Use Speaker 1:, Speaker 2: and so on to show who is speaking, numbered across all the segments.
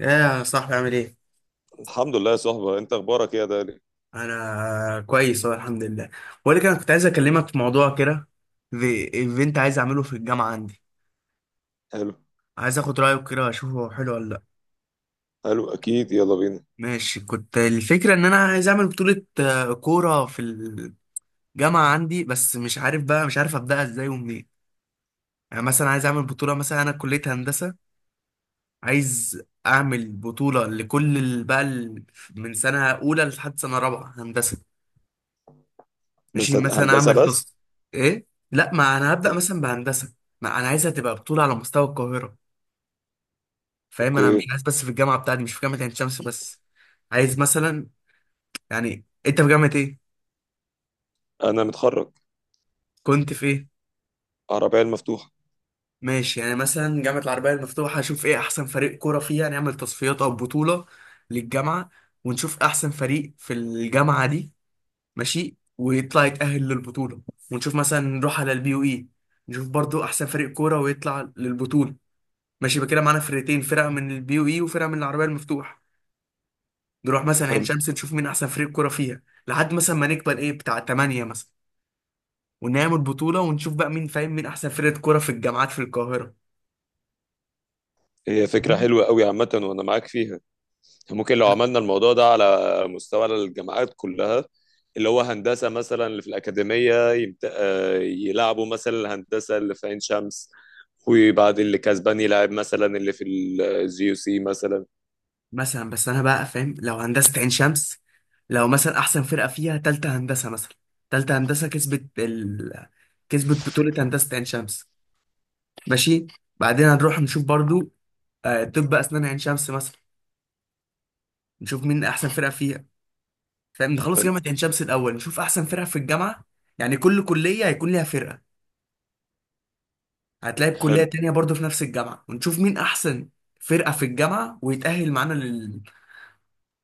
Speaker 1: ايه يا صاحبي عامل ايه؟
Speaker 2: الحمد لله يا صاحبي، انت اخبارك ايه يا دالي؟
Speaker 1: انا كويس اهو الحمد لله. بقول لك انا كنت عايز اكلمك في موضوع كده. في ايفنت عايز اعمله في الجامعه عندي.
Speaker 2: حلو.
Speaker 1: عايز اخد رايك كده اشوفه هو حلو ولا لا.
Speaker 2: حلو، اكيد يلا بينا.
Speaker 1: ماشي، كنت الفكره ان انا عايز اعمل بطوله كوره في الجامعه عندي، بس مش عارف بقى، مش عارف ابداها ازاي ومنين. يعني مثلا عايز اعمل بطوله، مثلا انا كليه هندسه، عايز اعمل بطوله لكل من سنه اولى لحد سنه رابعه هندسه.
Speaker 2: بس
Speaker 1: ماشي مثلا
Speaker 2: هندسه
Speaker 1: اعمل تاسك.
Speaker 2: بس.
Speaker 1: ايه؟ لا، ما انا هبدا
Speaker 2: هن-
Speaker 1: مثلا بهندسه. ما انا عايزها تبقى بطوله على مستوى القاهره، فاهم؟ انا
Speaker 2: اوكي.
Speaker 1: مش عايز بس في الجامعه بتاعتي، مش في جامعه عين شمس بس. عايز مثلا، يعني انت في جامعه ايه؟
Speaker 2: انا متخرج.
Speaker 1: كنت في ايه؟
Speaker 2: عربيه المفتوحه.
Speaker 1: ماشي، يعني مثلا جامعه العربيه المفتوحه اشوف ايه احسن فريق كوره فيها، نعمل تصفيات او بطوله للجامعه، ونشوف احسن فريق في الجامعه دي. ماشي، ويطلع يتاهل للبطوله. ونشوف مثلا نروح على البي يو اي، نشوف برضو احسن فريق كوره ويطلع للبطوله. ماشي، يبقى كده معانا فرقتين: فرقه من البي يو اي وفرقه من العربيه المفتوح. نروح مثلا عين
Speaker 2: حلو.
Speaker 1: شمس نشوف مين احسن فريق كوره فيها، لحد مثلا ما نكبر ايه بتاع 8 مثلا. ونعمل بطوله ونشوف بقى مين، فاهم، مين احسن فرقه كوره في الجامعات في القاهره.
Speaker 2: هي فكره حلوه قوي عامه، وانا معاك فيها. ممكن لو عملنا الموضوع ده على مستوى الجامعات كلها، اللي هو هندسه مثلا اللي في الاكاديميه يمت... آه، يلعبوا مثلا الهندسه اللي في عين شمس، وبعد اللي كسبان يلعب مثلا اللي في الجي يو سي مثلا.
Speaker 1: مثلا بس انا بقى فاهم، لو هندسه عين شمس لو مثلا احسن فرقه فيها تالتة هندسه مثلا، تالتة هندسه كسبت بطوله هندسه عين شمس. ماشي، بعدين هنروح نشوف برضو، طب اسنان عين شمس مثلا، نشوف مين احسن فرقه فيها. فاهم؟ نخلص
Speaker 2: حلو.
Speaker 1: جامعة عين شمس الأول، نشوف أحسن فرق في الجامعة. يعني كل كلية هيكون ليها فرقة، هتلاقي بكلية
Speaker 2: حلو.
Speaker 1: تانية برضه في نفس الجامعة، ونشوف مين أحسن فرقة في الجامعة ويتأهل معانا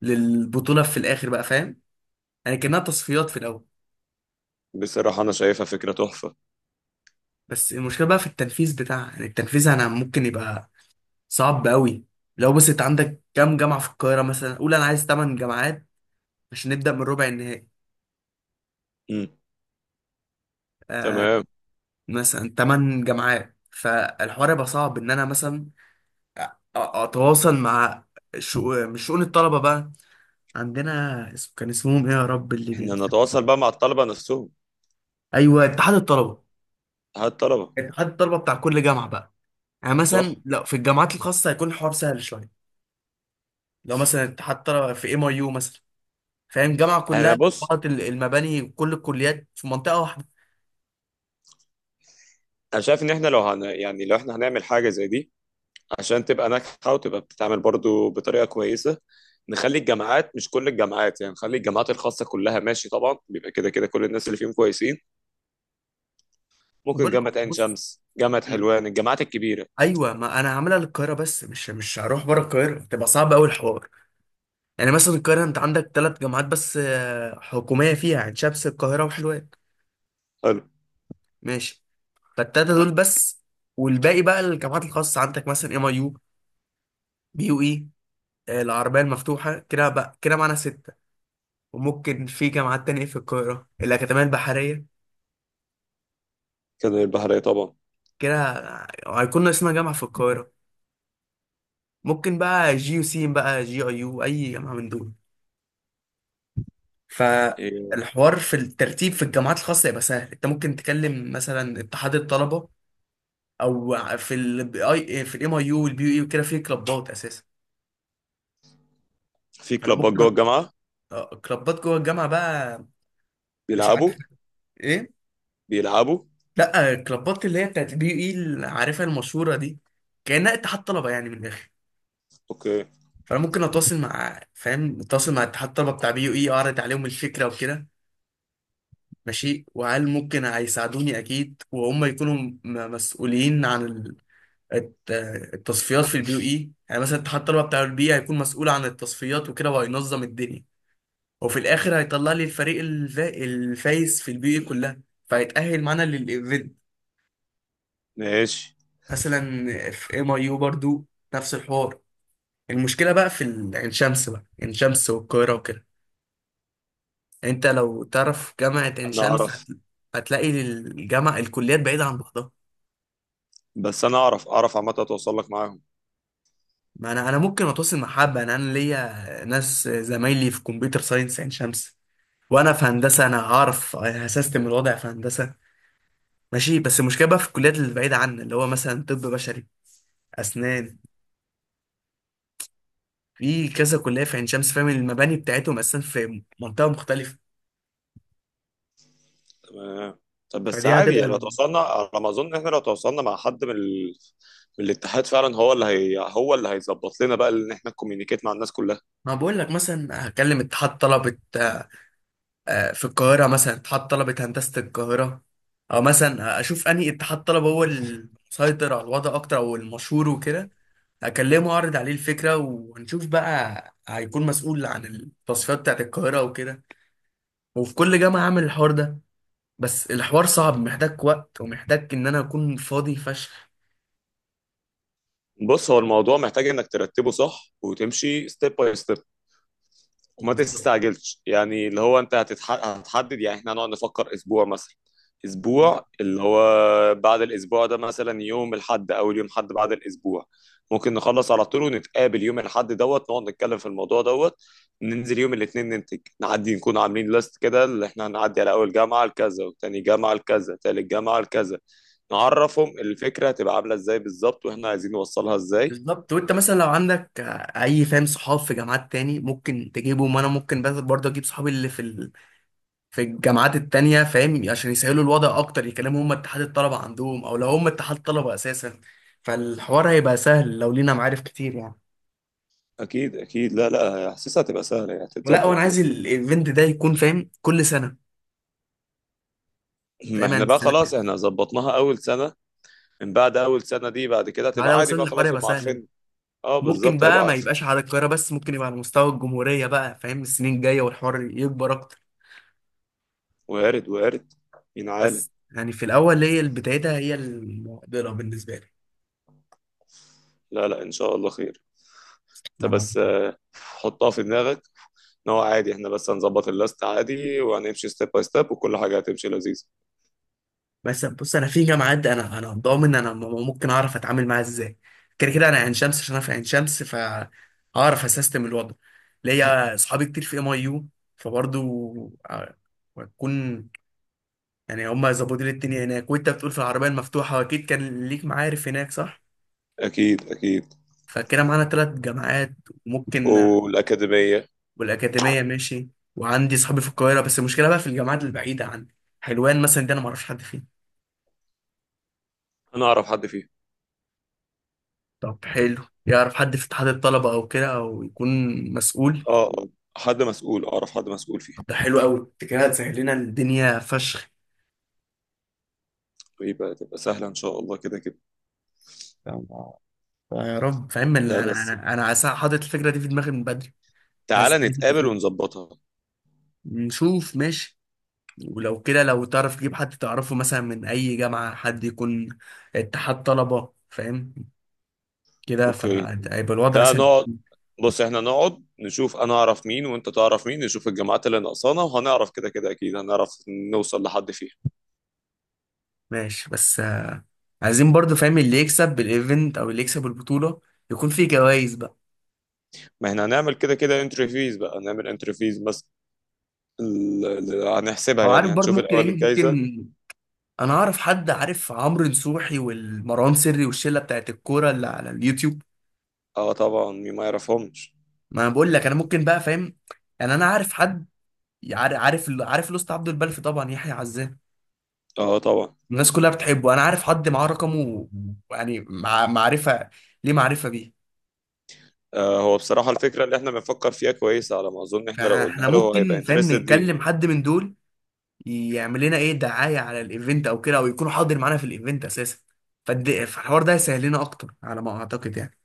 Speaker 1: للبطولة في الآخر، بقى فاهم؟ يعني كأنها تصفيات في الأول.
Speaker 2: بصراحه انا شايفها فكره تحفه.
Speaker 1: بس المشكلة بقى في التنفيذ بتاعها، يعني التنفيذ أنا ممكن يبقى صعب قوي. لو بس أنت عندك كام جامعة في القاهرة، مثلا قول أنا عايز 8 جامعات عشان نبدأ من ربع النهائي.
Speaker 2: امم.
Speaker 1: آه.
Speaker 2: تمام.
Speaker 1: مثلا 8 جامعات، فالحوار يبقى صعب إن أنا مثلا اتواصل مع مش شؤون الطلبه بقى عندنا، اسم كان اسمهم ايه يا رب، اللي
Speaker 2: احنا
Speaker 1: بينسى.
Speaker 2: نتواصل بقى مع الطلبة نفسهم.
Speaker 1: ايوه، اتحاد الطلبه.
Speaker 2: هات الطلبة.
Speaker 1: اتحاد الطلبه بتاع كل جامعه بقى. يعني مثلا
Speaker 2: صح.
Speaker 1: لو في الجامعات الخاصه هيكون الحوار سهل شويه. لو مثلا اتحاد طلبه في ام اي يو مثلا، فاهم جامعه
Speaker 2: انا
Speaker 1: كلها في
Speaker 2: بص.
Speaker 1: بعض المباني، كل الكليات في منطقه واحده.
Speaker 2: انا شايف ان احنا لو يعني لو احنا هنعمل حاجة زي دي، عشان تبقى ناجحة وتبقى بتتعمل برضو بطريقة كويسة. نخلي الجامعات مش كل الجامعات، يعني نخلي الجامعات الخاصة كلها ماشي، طبعا بيبقى كده كده كل الناس اللي فيهم كويسين. ممكن
Speaker 1: وبالك،
Speaker 2: جامعة عين
Speaker 1: بص،
Speaker 2: شمس، جامعة حلوان، الجامعات الكبيرة.
Speaker 1: ايوه ما انا هعملها للقاهره بس، مش هروح بره القاهره، تبقى صعب قوي الحوار. يعني مثلا القاهره انت عندك ثلاث جامعات بس حكوميه، فيها عين شمس القاهره وحلوان.
Speaker 2: حلو.
Speaker 1: ماشي، فالتلاتة دول بس. والباقي بقى الجامعات الخاصة، عندك مثلا ام اي يو، بي يو اي، العربية المفتوحة، كده بقى كده معانا ستة. وممكن في جامعات تانية في القاهرة، الأكاديمية البحرية،
Speaker 2: كده البحرية طبعا.
Speaker 1: كده هيكون ناقصنا جامعة في القاهرة. ممكن بقى جي يو سين بقى، جي اي يو، أي جامعة من دول.
Speaker 2: إيه،
Speaker 1: فالحوار في الترتيب في الجامعات الخاصة يبقى سهل، أنت ممكن تكلم مثلا اتحاد الطلبة، أو في الام اي يو والبي يو اي وكده في كلوبات أساسا.
Speaker 2: في
Speaker 1: فأنا
Speaker 2: كلوبات جوه
Speaker 1: ممكن،
Speaker 2: الجامعة.
Speaker 1: كلابات جوه الجامعة بقى. مش
Speaker 2: بيلعبوا
Speaker 1: عارف. ايه؟
Speaker 2: بيلعبوا.
Speaker 1: لا، الكلابات اللي هي بتاعت بي اي اللي عارفها المشهورة دي، كأنها اتحاد طلبة يعني من الآخر.
Speaker 2: اوكي.
Speaker 1: فأنا ممكن أتواصل مع، فاهم، أتواصل مع اتحاد الطلبة بتاع بي يو إي، أعرض عليهم الفكرة وكده. ماشي، وهل ممكن هيساعدوني؟ أكيد، وهم يكونوا مسؤولين عن الت- التصفيات في البي يو إي. يعني مثلا اتحاد الطلبة بتاع البي هيكون مسؤول عن التصفيات وكده، وهينظم الدنيا، وفي الاخر هيطلع لي الفريق الفايز في البي اي كلها، فهيتأهل معانا للايفنت.
Speaker 2: ماشي.
Speaker 1: مثلا في ام اي يو برضو نفس الحوار. المشكله بقى في عين شمس بقى، عين شمس والقاهره وكده. انت لو تعرف جامعه عين
Speaker 2: انا
Speaker 1: شمس
Speaker 2: اعرف.
Speaker 1: هتلاقي الجامعه الكليات بعيده عن بعضها.
Speaker 2: بس انا اعرف اعرف عامة، اتواصل لك معاهم.
Speaker 1: ما انا ممكن اتواصل مع حبه، انا ليا ناس زمايلي في كمبيوتر ساينس عين شمس، وانا في هندسه انا هعرف هسيستم الوضع في هندسه. ماشي، بس المشكله بقى في الكليات اللي بعيده عنا، اللي هو مثلا طب بشري، اسنان، في كذا كليه في عين شمس، فاهم المباني بتاعتهم اساسا في منطقه مختلفه.
Speaker 2: آه. طب بس
Speaker 1: فدي
Speaker 2: عادي
Speaker 1: هتبقى
Speaker 2: يعني لو
Speaker 1: ال-
Speaker 2: توصلنا، على ما اظن احنا لو توصلنا مع حد من من الاتحاد فعلا هو هو اللي هيظبط لنا بقى ان احنا كوميونيكيت مع الناس كلها.
Speaker 1: ما بقول لك، مثلا هكلم اتحاد طلبه في القاهره، مثلا اتحاد طلبه هندسه القاهره، او مثلا اشوف انهي اتحاد طلبه هو المسيطر على الوضع اكتر او المشهور وكده، اكلمه اعرض عليه الفكره، وهنشوف بقى هيكون مسؤول عن التصفيات بتاعت القاهره وكده. وفي كل جامعه اعمل الحوار ده. بس الحوار صعب، محتاج وقت، ومحتاج ان انا اكون فاضي فشخ.
Speaker 2: بص هو الموضوع محتاج انك ترتبه صح، وتمشي ستيب باي ستيب. وما
Speaker 1: بالظبط.
Speaker 2: تستعجلش، يعني اللي هو انت هتحدد. يعني احنا هنقعد نفكر اسبوع مثلا، اسبوع اللي هو بعد الاسبوع ده، مثلا يوم الحد، اول يوم حد بعد الاسبوع ممكن نخلص على طول ونتقابل يوم الحد دوت، نقعد نتكلم في الموضوع دوت، ننزل يوم الاثنين ننتج نعدي، نكون عاملين ليست كده اللي احنا هنعدي على اول جامعة لكذا، وتاني جامعة لكذا، تالت جامعة لكذا. نعرفهم الفكرة هتبقى عاملة ازاي بالظبط، واحنا عايزين نوصلها ازاي.
Speaker 1: بالظبط. وانت مثلا لو عندك اي، فاهم، صحاب في جامعات تاني ممكن تجيبهم، وانا ممكن بس برضه اجيب صحابي اللي في في الجامعات التانية، فاهم، عشان يسهلوا الوضع اكتر، يكلموا هم اتحاد الطلبة عندهم، او لو هم اتحاد طلبة اساسا فالحوار هيبقى سهل لو لينا معارف كتير يعني.
Speaker 2: اكيد اكيد، لا لا، حاسسها هتبقى سهلة يعني،
Speaker 1: ولا، وانا
Speaker 2: هتتظبط كده.
Speaker 1: عايز الايفنت ده يكون، فاهم، كل سنة.
Speaker 2: ما
Speaker 1: فاهم؟
Speaker 2: احنا
Speaker 1: يعني
Speaker 2: بقى
Speaker 1: السنة
Speaker 2: خلاص
Speaker 1: دي.
Speaker 2: احنا ظبطناها اول سنه. من بعد اول سنه دي بعد كده
Speaker 1: بعد
Speaker 2: هتبقى
Speaker 1: اول
Speaker 2: عادي
Speaker 1: سنة
Speaker 2: بقى،
Speaker 1: الحوار
Speaker 2: خلاص هم
Speaker 1: هيبقى سهل بقى.
Speaker 2: عارفين. اه
Speaker 1: ممكن
Speaker 2: بالظبط هيبقى
Speaker 1: بقى ما
Speaker 2: عارف.
Speaker 1: يبقاش على القاهرة بس، ممكن يبقى على مستوى الجمهورية بقى، فاهم، السنين الجاية والحوار يكبر اكتر.
Speaker 2: وارد وارد. مين عالم.
Speaker 1: بس يعني في الاول، هي اللي بدايتها هي المعضله بالنسبه لي.
Speaker 2: لا لا، ان شاء الله خير. انت
Speaker 1: أنا-
Speaker 2: بس حطها في دماغك، ان هو عادي احنا بس هنظبط اللاست عادي وهنمشي ستيب باي ستيب وكل حاجه هتمشي لذيذ.
Speaker 1: بس بص، انا في جامعات انا ضامن انا ممكن اعرف اتعامل معاها ازاي. كده كده انا عين شمس عشان انا في عين شمس فهعرف اسيستم الوضع. ليا اصحابي كتير في ام اي يو، فبرضه بكون، يعني هما زبودين التانية هناك. وانت بتقول في العربيه المفتوحه اكيد كان ليك معارف هناك، صح؟
Speaker 2: اكيد اكيد.
Speaker 1: فكده معانا ثلاث جامعات وممكن،
Speaker 2: والاكاديميه.
Speaker 1: والاكاديميه ماشي. وعندي صحابي في القاهره، بس المشكله بقى في الجامعات البعيده عني. حلوان مثلا دي انا ما اعرفش حد فيه.
Speaker 2: انا اعرف حد فيها.
Speaker 1: طب حلو، يعرف حد في اتحاد الطلبه او كده، او يكون مسؤول.
Speaker 2: اه آه. حد مسؤول، اعرف حد مسؤول فيها.
Speaker 1: ده حلو قوي، انت كده هتسهل لنا الدنيا فشخ.
Speaker 2: ويبقى سهله ان شاء الله كده كده.
Speaker 1: فاهم؟ يا رب. فاهم
Speaker 2: لا
Speaker 1: انا انا
Speaker 2: بس،
Speaker 1: انا أنا عايز- حاطط الفكره دي في دماغي من بدري. عايز،
Speaker 2: تعالى
Speaker 1: عايز
Speaker 2: نتقابل
Speaker 1: أنفذها.
Speaker 2: ونظبطها.
Speaker 1: نشوف، ماشي. ولو كده، لو تعرف تجيب حد تعرفه مثلا من اي جامعه، حد يكون اتحاد طلبه، فاهم، كده
Speaker 2: اوكي.
Speaker 1: فهيبقى الوضع
Speaker 2: ده
Speaker 1: سهل.
Speaker 2: نقعد. بص احنا نقعد نشوف انا اعرف مين وانت تعرف مين، نشوف الجامعات اللي ناقصانا، وهنعرف كده كده، اكيد هنعرف نوصل لحد فيها.
Speaker 1: ماشي، بس عايزين برضو، فاهم، اللي يكسب الايفنت او اللي يكسب البطوله يكون فيه جوائز بقى.
Speaker 2: ما احنا هنعمل كده كده انتري فيز بقى، هنعمل انتري فيز بس هنحسبها
Speaker 1: او عارف
Speaker 2: يعني،
Speaker 1: برضو
Speaker 2: هنشوف
Speaker 1: ممكن،
Speaker 2: الاول
Speaker 1: ايه،
Speaker 2: الجايزة.
Speaker 1: ممكن، انا اعرف حد عارف عمرو نصوحي والمروان سري والشله بتاعت الكوره اللي على اليوتيوب.
Speaker 2: اه طبعا، مين ما يعرفهمش.
Speaker 1: ما انا بقول لك انا ممكن بقى، فاهم، يعني انا عارف حد، عارف لوست عبد البلفي طبعا، يحيى عزام،
Speaker 2: اه طبعا.
Speaker 1: الناس كلها بتحبه، انا عارف حد معاه رقمه، يعني مع معرفه، ليه معرفه بيه.
Speaker 2: هو بصراحة الفكرة اللي احنا بنفكر فيها كويسة، على ما اظن احنا لو قلناها
Speaker 1: فاحنا
Speaker 2: له هو هيبقى
Speaker 1: ممكن، فاهم،
Speaker 2: انترستد ليها.
Speaker 1: نتكلم حد من دول يعمل لنا ايه دعايه على الايفنت او كده، او يكون حاضر معانا في الايفنت اساسا، فالحوار ده هيسهل لنا اكتر على ما اعتقد يعني.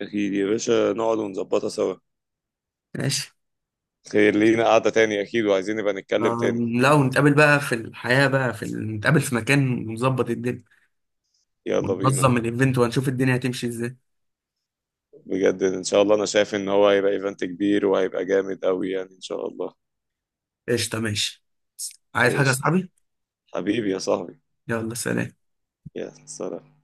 Speaker 2: اكيد يا باشا، نقعد ونظبطها سوا.
Speaker 1: ماشي.
Speaker 2: خير لينا قعدة تاني اكيد، وعايزين نبقى
Speaker 1: ما-
Speaker 2: نتكلم تاني.
Speaker 1: لو نتقابل بقى في الحياه بقى في نتقابل في مكان ونظبط الدنيا
Speaker 2: يلا بينا.
Speaker 1: وننظم الايفنت، وهنشوف الدنيا هتمشي ازاي.
Speaker 2: بجد ان شاء الله انا شايف ان هو هيبقى ايفنت كبير وهيبقى جامد قوي يعني، ان شاء الله.
Speaker 1: قشطه، ماشي. عايز حاجه يا
Speaker 2: ايش؟
Speaker 1: صاحبي؟
Speaker 2: حبيبي يا صاحبي.
Speaker 1: يلا سلام.
Speaker 2: يا سلام.